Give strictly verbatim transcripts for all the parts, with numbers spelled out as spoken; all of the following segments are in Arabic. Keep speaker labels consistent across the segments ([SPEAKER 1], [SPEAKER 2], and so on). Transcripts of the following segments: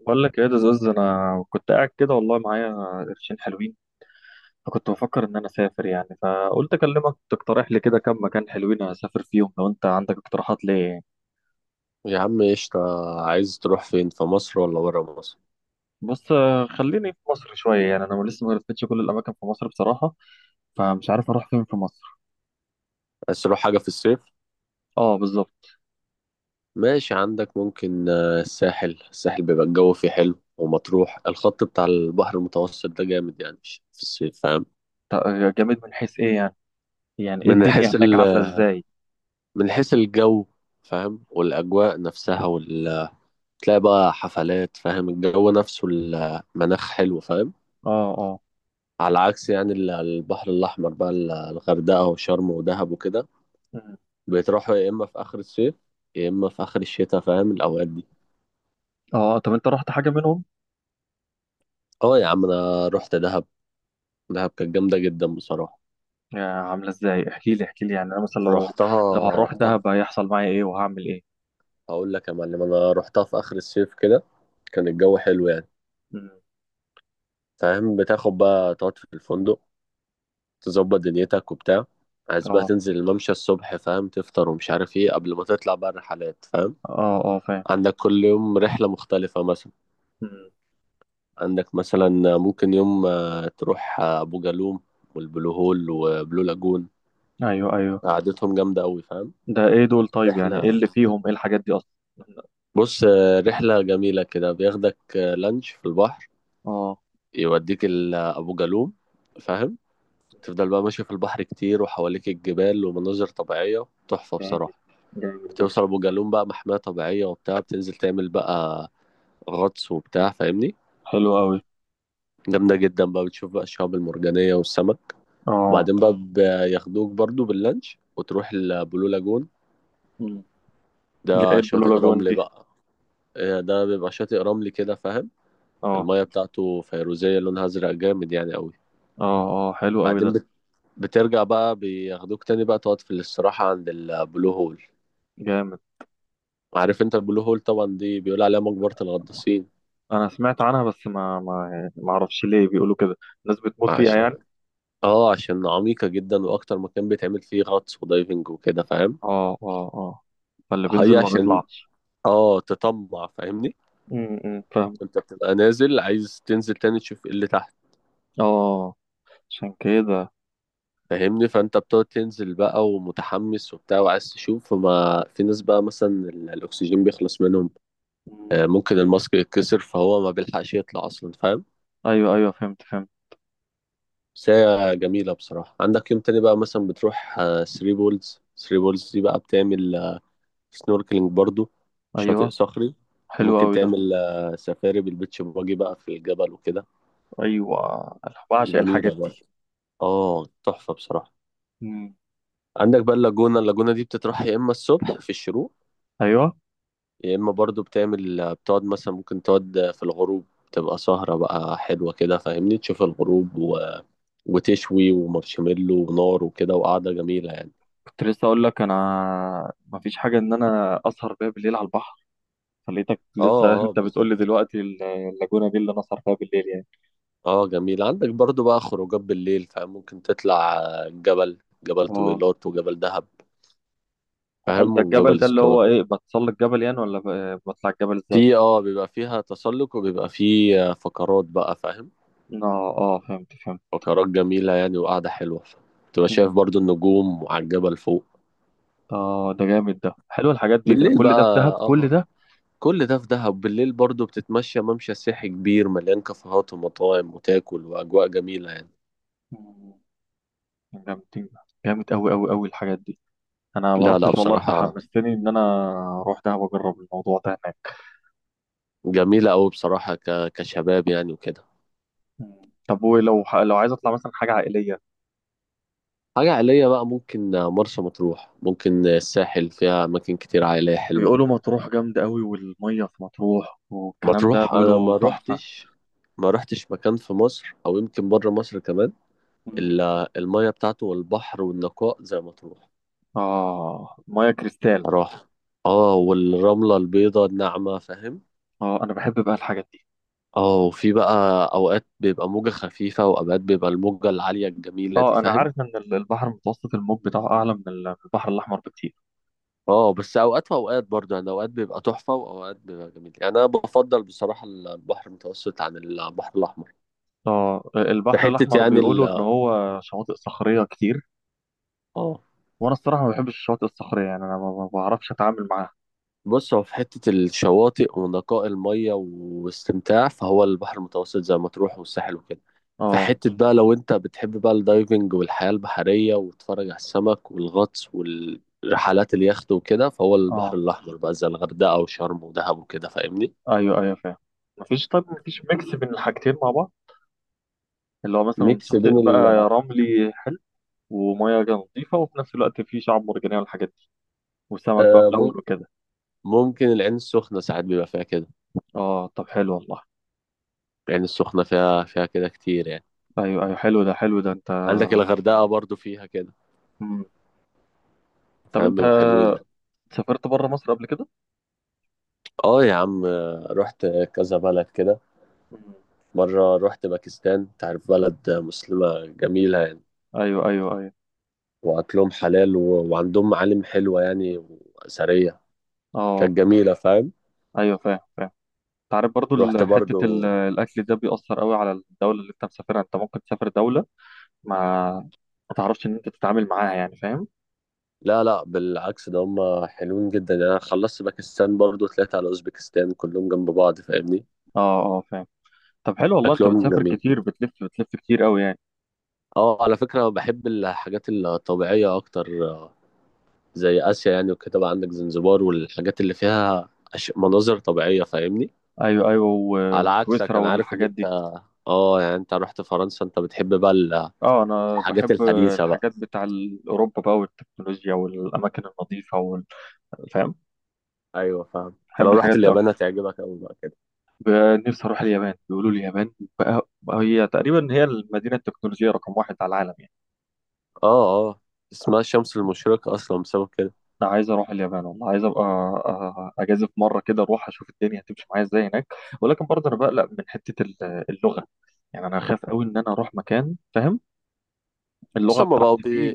[SPEAKER 1] بقول لك ايه ده زوز، انا كنت قاعد كده والله معايا قرشين حلوين. فكنت بفكر ان انا اسافر يعني، فقلت اكلمك تقترح لي كده كم مكان حلوين اسافر فيهم لو انت عندك اقتراحات ليه.
[SPEAKER 2] يا عم قشطة. عايز تروح فين في مصر ولا برا مصر؟
[SPEAKER 1] بص آه، خليني في مصر شويه يعني، انا لسه ما لفتش كل الاماكن في مصر بصراحه. فمش عارف اروح فين في مصر.
[SPEAKER 2] عايز تروح حاجة في الصيف؟
[SPEAKER 1] اه بالظبط.
[SPEAKER 2] ماشي عندك. ممكن آه، الساحل الساحل بيبقى الجو فيه حلو، ومطروح، الخط بتاع البحر المتوسط ده جامد يعني في الصيف، فاهم؟
[SPEAKER 1] تا- جامد من حيث ايه يعني؟ يعني ايه
[SPEAKER 2] من
[SPEAKER 1] الدنيا
[SPEAKER 2] حيث
[SPEAKER 1] هناك
[SPEAKER 2] ال...
[SPEAKER 1] عامله ازاي؟
[SPEAKER 2] من حيث الجو فاهم، والأجواء نفسها وال... تلاقي بقى حفلات فاهم، الجو نفسه المناخ حلو فاهم.
[SPEAKER 1] اه اه.
[SPEAKER 2] على عكس يعني ال- البحر الأحمر بقى، ال- الغردقة وشرم ودهب وكده،
[SPEAKER 1] مم.
[SPEAKER 2] بتروحوا يا اما في اخر الصيف يا اما في اخر الشتاء، فاهم؟ الاوقات دي.
[SPEAKER 1] اه طب انت رحت حاجه منهم؟
[SPEAKER 2] اه يا عم، انا رحت دهب. دهب كانت جامده جدا بصراحه.
[SPEAKER 1] يا عامله ازاي، احكي لي احكي لي يعني انا مثلا لو، لو
[SPEAKER 2] رحتها
[SPEAKER 1] هروح
[SPEAKER 2] رحتها
[SPEAKER 1] دهب هيحصل معايا ايه وهعمل ايه؟
[SPEAKER 2] هقول لك يا معلم، انا رحتها في اخر الصيف كده، كان الجو حلو يعني.
[SPEAKER 1] مم.
[SPEAKER 2] فاهم، بتاخد بقى تقعد في الفندق، تظبط دنيتك وبتاع. عايز بقى
[SPEAKER 1] اه
[SPEAKER 2] تنزل الممشى الصبح، فاهم، تفطر ومش عارف ايه، قبل ما تطلع بقى الرحلات، فاهم؟
[SPEAKER 1] اه اه فاهم.
[SPEAKER 2] عندك كل يوم رحلة مختلفة مثلا.
[SPEAKER 1] مم.
[SPEAKER 2] عندك مثلا ممكن يوم آه، تروح آه، أبو جالوم والبلو هول وبلو لاجون،
[SPEAKER 1] ايوه ايوه.
[SPEAKER 2] قعدتهم جامدة أوي فاهم.
[SPEAKER 1] ده ايه دول طيب؟ يعني ايه
[SPEAKER 2] رحلة،
[SPEAKER 1] اللي فيهم، ايه الحاجات دي اصلا؟
[SPEAKER 2] بص آه، رحلة جميلة كده، بياخدك آه، لانش في البحر،
[SPEAKER 1] اه.
[SPEAKER 2] يوديك ال- آه، أبو جالوم، فاهم. تفضل بقى ماشي في البحر كتير، وحواليك الجبال ومناظر طبيعية تحفة
[SPEAKER 1] جامد.
[SPEAKER 2] بصراحة.
[SPEAKER 1] جامد ده.
[SPEAKER 2] بتوصل أبو جالوم بقى، محمية طبيعية وبتاع، بتنزل تعمل بقى غطس وبتاع فاهمني.
[SPEAKER 1] حلو قوي.
[SPEAKER 2] جامدة جدا بقى، بتشوف بقى الشعاب المرجانية والسمك،
[SPEAKER 1] اه.
[SPEAKER 2] وبعدين بقى بياخدوك برضو باللانش وتروح البلو لاجون.
[SPEAKER 1] مم. ده ايه
[SPEAKER 2] ده
[SPEAKER 1] البلو
[SPEAKER 2] شاطئ
[SPEAKER 1] لاجون
[SPEAKER 2] رمل
[SPEAKER 1] دي؟
[SPEAKER 2] بقى. آه، ده بيبقى شاطئ رملي كده فاهم،
[SPEAKER 1] اه.
[SPEAKER 2] المية بتاعته فيروزية لونها أزرق جامد يعني أوي.
[SPEAKER 1] اه اه حلو قوي
[SPEAKER 2] بعدين
[SPEAKER 1] ده.
[SPEAKER 2] بت... بترجع بقى، بياخدوك تاني بقى تقعد في الاستراحة عند البلو هول.
[SPEAKER 1] جامد.
[SPEAKER 2] عارف انت البلو هول طبعا دي بيقول عليها مقبرة الغطاسين.
[SPEAKER 1] انا سمعت عنها بس ما ما يعني ما اعرفش ليه بيقولوا كده. الناس بتموت فيها يعني؟
[SPEAKER 2] عشان، اه عشان عميقة جدا، وأكتر مكان بيتعمل فيه غطس ودايفنج وكده فاهم.
[SPEAKER 1] اه اه اه. فاللي بينزل
[SPEAKER 2] هي
[SPEAKER 1] ما
[SPEAKER 2] عشان،
[SPEAKER 1] بيطلعش؟
[SPEAKER 2] اه تطمع فاهمني،
[SPEAKER 1] امم أمم، فاهم.
[SPEAKER 2] انت بتبقى نازل عايز تنزل تاني تشوف ايه اللي تحت.
[SPEAKER 1] اه. عشان كده.
[SPEAKER 2] فاهمني، فانت بتقعد تنزل بقى ومتحمس وبتاع وعايز تشوف، فما في ناس بقى مثلا ال- الاكسجين بيخلص منهم. آه،
[SPEAKER 1] أمم.
[SPEAKER 2] ممكن الماسك يتكسر فهو ما بيلحقش يطلع اصلا فاهم.
[SPEAKER 1] ايوه ايوه فهمت فهمت.
[SPEAKER 2] بس هي جميله بصراحه. عندك يوم تاني بقى مثلا بتروح ثلاثة بولز. ثلاثة بولز دي بقى بتعمل سنوركلينج برضو،
[SPEAKER 1] ايوه
[SPEAKER 2] شاطئ صخري.
[SPEAKER 1] حلو
[SPEAKER 2] ممكن
[SPEAKER 1] قوي ده.
[SPEAKER 2] تعمل آه، سفاري بالبيتش باجي بقى في الجبل وكده،
[SPEAKER 1] ايوه انا بعشق
[SPEAKER 2] جميله
[SPEAKER 1] الحاجات دي.
[SPEAKER 2] برضه، اه تحفه بصراحه.
[SPEAKER 1] مم.
[SPEAKER 2] عندك بقى اللاجونه، اللاجونه دي بتتراح يا اما الصبح في الشروق،
[SPEAKER 1] ايوه.
[SPEAKER 2] يا اما برضو بتعمل آه، بتقعد مثلا، ممكن تقعد في الغروب تبقى سهره بقى حلوه كده فاهمني، تشوف الغروب وتشوي ومارشميلو ونار وكده، وقعدة جميلة يعني.
[SPEAKER 1] كنت لسه اقول لك انا ما فيش حاجه ان انا اسهر بيها بالليل على البحر، فلقيتك
[SPEAKER 2] اه
[SPEAKER 1] لسه
[SPEAKER 2] اه
[SPEAKER 1] انت بتقول لي
[SPEAKER 2] بالظبط.
[SPEAKER 1] دلوقتي ال- اللاجونه دي اللي انا اسهر فيها بالليل يعني.
[SPEAKER 2] اه جميل، عندك برضو بقى خروجات بالليل فاهم، ممكن تطلع آه، جبل، جبل
[SPEAKER 1] اه.
[SPEAKER 2] طويلات وجبل دهب،
[SPEAKER 1] هل
[SPEAKER 2] فاهم،
[SPEAKER 1] ده الجبل
[SPEAKER 2] وجبل
[SPEAKER 1] ده اللي
[SPEAKER 2] اسطنبول.
[SPEAKER 1] هو ايه، بتسلق الجبل يعني ولا ب- بطلع الجبل ازاي؟
[SPEAKER 2] في اه بيبقى فيها تسلق، وبيبقى فيه آه، فقرات بقى فاهم،
[SPEAKER 1] اه اه فهمت فهمت.
[SPEAKER 2] فقرات جميلة يعني وقعدة حلوة، تبقى شايف
[SPEAKER 1] مم.
[SPEAKER 2] برضو النجوم وعلى الجبل فوق
[SPEAKER 1] اه ده جامد ده، حلو الحاجات دي، ده
[SPEAKER 2] بالليل
[SPEAKER 1] كل
[SPEAKER 2] بقى.
[SPEAKER 1] ده في دهب
[SPEAKER 2] اه
[SPEAKER 1] كل
[SPEAKER 2] آه.
[SPEAKER 1] ده؟
[SPEAKER 2] كل ده في دهب. بالليل برضو بتتمشى ممشى سياحي كبير مليان كافيهات ومطاعم، وتاكل وأجواء جميلة يعني.
[SPEAKER 1] مم. جامدين. جامد قوي قوي قوي الحاجات دي. انا ما
[SPEAKER 2] لا لا
[SPEAKER 1] رحتش والله، انت
[SPEAKER 2] بصراحة
[SPEAKER 1] حمستني ان انا اروح دهب واجرب الموضوع ده.
[SPEAKER 2] جميلة أوي بصراحة، ك... كشباب يعني وكده.
[SPEAKER 1] مم. طب ولو ح- لو عايز اطلع مثلا حاجه عائليه؟
[SPEAKER 2] حاجة عائلية بقى، ممكن مرسى مطروح، ممكن الساحل، فيها أماكن كتير عائلية حلوة.
[SPEAKER 1] بيقولوا مطروح جامده قوي، والميه في مطروح والكلام ده
[SPEAKER 2] مطروح أنا
[SPEAKER 1] بيقولوا
[SPEAKER 2] ما
[SPEAKER 1] تحفه.
[SPEAKER 2] روحتش، ما روحتش مكان في مصر أو يمكن بره مصر كمان
[SPEAKER 1] مم.
[SPEAKER 2] إلا المية بتاعته والبحر والنقاء زي مطروح.
[SPEAKER 1] اه ميه كريستال.
[SPEAKER 2] صراحة، اه، والرملة البيضاء الناعمة فاهم.
[SPEAKER 1] اه انا بحب بقى الحاجات دي.
[SPEAKER 2] اه، وفي بقى أوقات بيبقى موجة خفيفة، وأوقات بيبقى الموجة العالية الجميلة دي
[SPEAKER 1] اه انا
[SPEAKER 2] فاهم.
[SPEAKER 1] عارف ان ال- البحر المتوسط الموج بتاعه اعلى من ال- البحر الاحمر بكتير.
[SPEAKER 2] اه بس اوقات واوقات برضه يعني، اوقات بيبقى تحفه واوقات بيبقى جميل يعني. انا بفضل بصراحه البحر المتوسط عن البحر الاحمر.
[SPEAKER 1] اه
[SPEAKER 2] في
[SPEAKER 1] البحر
[SPEAKER 2] حته
[SPEAKER 1] الاحمر
[SPEAKER 2] يعني ال
[SPEAKER 1] بيقولوا ان هو شواطئ صخريه كتير.
[SPEAKER 2] اه.
[SPEAKER 1] وانا الصراحه ما بحبش الشواطئ الصخريه يعني، انا ما ما بعرفش اتعامل معاها.
[SPEAKER 2] بص، هو في حته الشواطئ ونقاء الميه واستمتاع، فهو البحر المتوسط زي ما تروح والساحل وكده. في
[SPEAKER 1] اه
[SPEAKER 2] حته بقى لو انت بتحب بقى الدايفنج والحياه البحريه وتتفرج على السمك والغطس والرحلات اليخت وكده، فهو البحر
[SPEAKER 1] اه.
[SPEAKER 2] الاحمر بقى زي الغردقه وشرم ودهب وكده فاهمني.
[SPEAKER 1] ايوه ايوه فاهم. مفيش طيب مفيش ميكس بين الحاجتين مع بعض؟ اللي هو مثلا
[SPEAKER 2] ميكس
[SPEAKER 1] شاطئ
[SPEAKER 2] بين
[SPEAKER 1] بقى رملي حلو ومياه نظيفة، وفي نفس الوقت في شعاب مرجانية والحاجات دي، وسمك بقى ملون
[SPEAKER 2] ال
[SPEAKER 1] وكده.
[SPEAKER 2] ممكن العين السخنة ساعات بيبقى فيها كده.
[SPEAKER 1] اه طب حلو والله.
[SPEAKER 2] العين السخنة فيها فيها كده كتير يعني.
[SPEAKER 1] ايوه ايوه حلو ده، حلو ده انت.
[SPEAKER 2] عندك الغردقة برضو فيها كده
[SPEAKER 1] مم. طب
[SPEAKER 2] فاهم،
[SPEAKER 1] انت
[SPEAKER 2] بيبقوا حلوين يعني.
[SPEAKER 1] سافرت بره مصر قبل كده؟
[SPEAKER 2] اه يا عم، رحت كذا بلد كده.
[SPEAKER 1] مم.
[SPEAKER 2] مرة رحت باكستان، تعرف بلد مسلمة جميلة يعني،
[SPEAKER 1] ايوه ايوه ايوه.
[SPEAKER 2] وأكلهم حلال و... وعندهم معالم حلوة يعني وأثرية،
[SPEAKER 1] اه
[SPEAKER 2] كانت جميلة فاهم.
[SPEAKER 1] ايوه فاهم فاهم. انت عارف برضو
[SPEAKER 2] رحت
[SPEAKER 1] ال- حتة ال-
[SPEAKER 2] برضو،
[SPEAKER 1] الاكل ده بيأثر قوي على الدولة اللي انت مسافرها، انت ممكن تسافر دولة ما ما تعرفش ان انت تتعامل معاها يعني، فاهم؟
[SPEAKER 2] لا لا بالعكس، ده هم حلوين جدا يعني. أنا خلصت باكستان برضو طلعت على أوزبكستان، كلهم جنب بعض فاهمني.
[SPEAKER 1] اه اه فاهم. طب حلو والله، انت
[SPEAKER 2] أكلهم
[SPEAKER 1] بتسافر
[SPEAKER 2] جميل.
[SPEAKER 1] كتير، بتلف بتلف كتير قوي يعني.
[SPEAKER 2] اه، على فكرة بحب الحاجات الطبيعية أكتر، آه، زي آسيا يعني وكده، بقى عندك زنزبار والحاجات اللي فيها أش... مناظر طبيعية فاهمني.
[SPEAKER 1] ايوه ايوه و-
[SPEAKER 2] على عكسك
[SPEAKER 1] وسويسرا
[SPEAKER 2] أنا عارف إن
[SPEAKER 1] والحاجات
[SPEAKER 2] أنت،
[SPEAKER 1] دي.
[SPEAKER 2] اه يعني أنت رحت فرنسا، أنت بتحب بقى ال-
[SPEAKER 1] اه انا
[SPEAKER 2] الحاجات
[SPEAKER 1] بحب
[SPEAKER 2] الحديثة بقى.
[SPEAKER 1] الحاجات بتاع ال- اوروبا بقى، والتكنولوجيا والاماكن النظيفه وال- فاهم.
[SPEAKER 2] أيوه فاهم، أنت لو
[SPEAKER 1] بحب
[SPEAKER 2] رحت
[SPEAKER 1] الحاجات دي
[SPEAKER 2] اليابان
[SPEAKER 1] اكتر.
[SPEAKER 2] هتعجبك أوي بقى كده.
[SPEAKER 1] ب- نفسي اروح اليابان، بيقولوا لي اليابان بقى بقى هي تقريبا هي المدينه التكنولوجيه رقم واحد على العالم يعني.
[SPEAKER 2] اه اه، اسمها الشمس المشرقة أصلا بسبب كده.
[SPEAKER 1] انا عايز اروح اليابان والله، عايز ابقى أ- اجازف مره كده اروح اشوف الدنيا هتمشي معايا ازاي هناك. ولكن برضه انا بقلق من حته ال- اللغه. يعني انا خايف قوي ان انا اروح مكان، فاهم، اللغه
[SPEAKER 2] ثم بقى
[SPEAKER 1] بتاعتي فيه.
[SPEAKER 2] ب...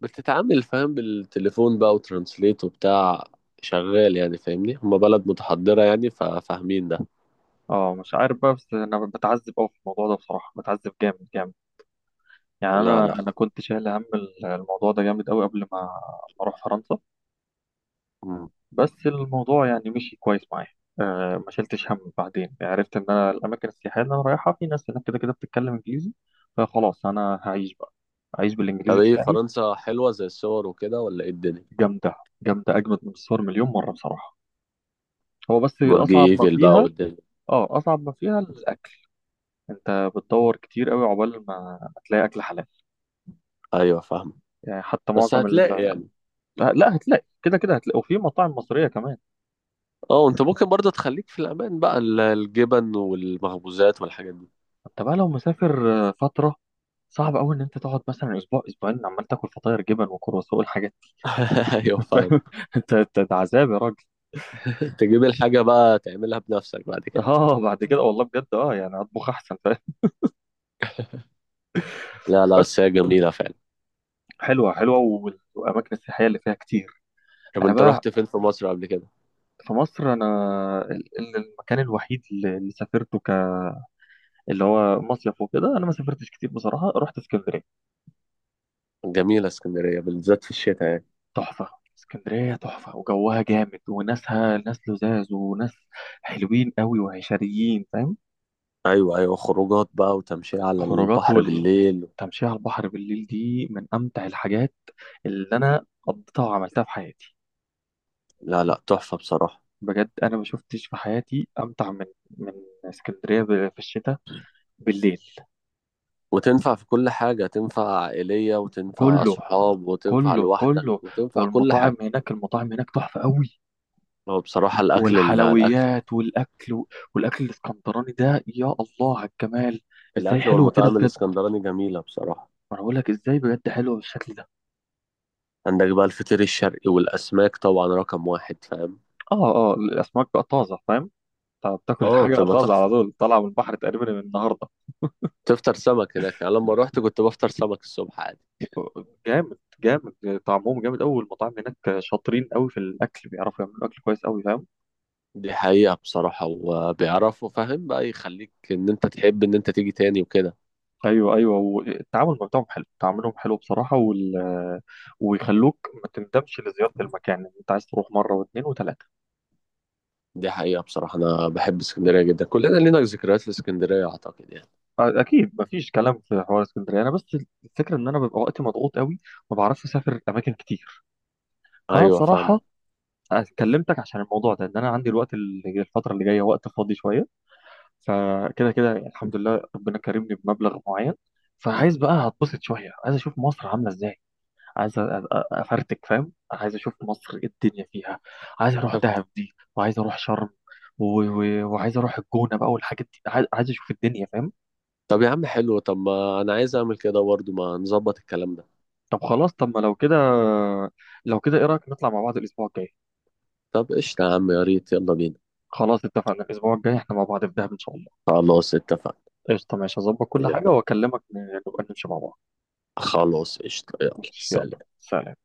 [SPEAKER 2] بتتعامل فاهم بالتليفون بقى وترانسليت وبتاع، شغال يعني فاهمني، هما بلد متحضرة يعني ففاهمين ده.
[SPEAKER 1] اه مش عارف بقى، بس انا بتعذب قوي في الموضوع ده بصراحه، بتعذب جامد جامد. يعني
[SPEAKER 2] لا
[SPEAKER 1] انا
[SPEAKER 2] لا.
[SPEAKER 1] انا كنت شايل هم ال- الموضوع ده جامد قوي قبل ما ما اروح فرنسا.
[SPEAKER 2] مم.
[SPEAKER 1] بس الموضوع يعني مشي كويس معايا. آه ما شلتش هم، بعدين عرفت ان انا الاماكن السياحيه اللي انا رايحها في ناس هناك كده كده بتتكلم انجليزي. فخلاص انا هعيش بقى، هعيش
[SPEAKER 2] طب
[SPEAKER 1] بالانجليزي
[SPEAKER 2] ايه،
[SPEAKER 1] بتاعي.
[SPEAKER 2] فرنسا حلوة زي الصور وكده ولا ايه الدنيا؟
[SPEAKER 1] جامده. جامده اجمد من الصور مليون مره بصراحه. هو بس
[SPEAKER 2] برج
[SPEAKER 1] اصعب ما
[SPEAKER 2] ايفل بقى
[SPEAKER 1] فيها.
[SPEAKER 2] والدنيا.
[SPEAKER 1] اه اصعب ما فيها الاكل. انت بتدور كتير قوي عقبال ما ما تلاقي اكل حلال.
[SPEAKER 2] ايوه فاهم.
[SPEAKER 1] يعني حتى
[SPEAKER 2] بس
[SPEAKER 1] معظم ال...
[SPEAKER 2] هتلاقي يعني،
[SPEAKER 1] لا لا هتلاقي كده كده، هتلاقي وفي مطاعم مصرية كمان.
[SPEAKER 2] اه انت ممكن برضه تخليك في الامان بقى، ال- الجبن والمخبوزات والحاجات دي.
[SPEAKER 1] انت بقى لو مسافر آه، فترة، صعب قوي ان انت تقعد مثلا اسبوع اسبوعين عمال تاكل فطاير جبن وكرواسون والحاجات
[SPEAKER 2] ايوه
[SPEAKER 1] دي،
[SPEAKER 2] فاهم.
[SPEAKER 1] فاهم؟ انت انت ده عذاب يا راجل.
[SPEAKER 2] تجيب الحاجة بقى تعملها بنفسك بعد كده.
[SPEAKER 1] اه بعد كده والله بجد، اه يعني اطبخ احسن فاهم.
[SPEAKER 2] لا لا
[SPEAKER 1] بس
[SPEAKER 2] بس هي جميلة فعلا.
[SPEAKER 1] حلوة حلوة، وال- والاماكن السياحية اللي فيها كتير.
[SPEAKER 2] طب
[SPEAKER 1] انا
[SPEAKER 2] انت
[SPEAKER 1] بقى
[SPEAKER 2] رحت فين في مصر قبل كده؟
[SPEAKER 1] في مصر انا ال- ال- المكان الوحيد اللي اللي سافرته ك، اللي هو مصيف وكده، انا ما سافرتش كتير بصراحة، رحت اسكندرية.
[SPEAKER 2] جميلة اسكندرية بالذات في الشتاء يعني.
[SPEAKER 1] تحفة. اسكندرية تحفة، وجوها جامد، وناسها ناس لذاذ وناس حلوين قوي وعشريين فاهم.
[SPEAKER 2] ايوه ايوه، خروجات بقى وتمشية على
[SPEAKER 1] خروجات.
[SPEAKER 2] البحر بالليل.
[SPEAKER 1] والتمشية على البحر بالليل دي من أمتع الحاجات اللي أنا قضيتها وعملتها في حياتي.
[SPEAKER 2] لا لا تحفة بصراحة.
[SPEAKER 1] بجد أنا ما شفتش في حياتي أمتع من من اسكندرية ب- في الشتاء بالليل.
[SPEAKER 2] وتنفع في كل حاجة، تنفع عائلية وتنفع
[SPEAKER 1] كله
[SPEAKER 2] صحاب وتنفع
[SPEAKER 1] كله
[SPEAKER 2] لوحدك
[SPEAKER 1] كله.
[SPEAKER 2] وتنفع كل حاجة.
[SPEAKER 1] والمطاعم هناك، المطاعم هناك تحفة قوي.
[SPEAKER 2] هو بصراحة الأكل، ال- الأكل،
[SPEAKER 1] والحلويات والأكل، والأكل الإسكندراني ده، يا الله على الجمال. إزاي
[SPEAKER 2] الأكل
[SPEAKER 1] حلوة كده
[SPEAKER 2] والمطاعم
[SPEAKER 1] بجد.
[SPEAKER 2] الإسكندراني جميلة بصراحة.
[SPEAKER 1] ما انا بقول لك، ازاي بجد حلوه بالشكل ده.
[SPEAKER 2] عندك بقى الفطير الشرقي والأسماك طبعا رقم واحد فاهم.
[SPEAKER 1] اه اه الاسماك بقى طازه فاهم. انت بتاكل
[SPEAKER 2] اه
[SPEAKER 1] الحاجه
[SPEAKER 2] بتبقى
[SPEAKER 1] طازه على
[SPEAKER 2] تحفة،
[SPEAKER 1] طول، طالعه من البحر تقريبا من النهارده.
[SPEAKER 2] تفطر سمك هناك يعني. لما روحت كنت بفطر سمك الصبح عادي.
[SPEAKER 1] جامد جامد. طعمهم جامد قوي، المطاعم هناك شاطرين قوي في الاكل، بيعرفوا يعملوا اكل كويس قوي فاهم.
[SPEAKER 2] دي حقيقة بصراحة، وبيعرفوا فاهم بقى يخليك إن أنت تحب إن أنت تيجي تاني وكده.
[SPEAKER 1] ايوه ايوه والتعامل بتاعهم حلو، تعاملهم حلو بصراحه، وال... ويخلوك ما تندمش لزياره المكان يعني، انت عايز تروح مره واثنين وثلاثه.
[SPEAKER 2] دي حقيقة بصراحة، أنا بحب اسكندرية جدا، كلنا لينا ذكريات في اسكندرية أعتقد يعني.
[SPEAKER 1] اكيد ما فيش كلام في حوار اسكندريه. انا بس الفكره ان انا ببقى وقتي مضغوط قوي، ما بعرفش اسافر اماكن كتير. فانا
[SPEAKER 2] أيوة
[SPEAKER 1] بصراحه
[SPEAKER 2] فاهم.
[SPEAKER 1] أنا كلمتك عشان الموضوع ده، ان انا عندي الوقت اللي- الفتره اللي جايه وقت فاضي شويه. فكده كده الحمد لله ربنا كرمني بمبلغ معين. فعايز بقى هتبسط شويه، عايز اشوف مصر عامله ازاي. عايز أ- أ- افرتك فاهم، عايز اشوف مصر ايه الدنيا فيها. عايز اروح دهب دي، وعايز اروح شرم و... و... وعايز اروح الجونه بقى والحاجات دي، عايز عايز اشوف الدنيا فاهم.
[SPEAKER 2] طب يا عم حلو، طب ما انا عايز اعمل كده برضه، ما نظبط الكلام ده.
[SPEAKER 1] طب خلاص، طب ما لو كده، لو كده ايه رايك نطلع مع بعض الاسبوع الجاي؟
[SPEAKER 2] طب قشطة يا عم، يا ريت، يلا بينا.
[SPEAKER 1] خلاص اتفقنا، الاسبوع الجاي احنا مع بعض في دهب ان شاء الله.
[SPEAKER 2] خلاص اتفقنا،
[SPEAKER 1] قشطة ماشي، هظبط كل
[SPEAKER 2] يلا،
[SPEAKER 1] حاجة وأكلمك ن- نبقى نمشي مع بعض.
[SPEAKER 2] خلاص قشطة، يلا
[SPEAKER 1] ماشي يلا.
[SPEAKER 2] سلام.
[SPEAKER 1] سلام.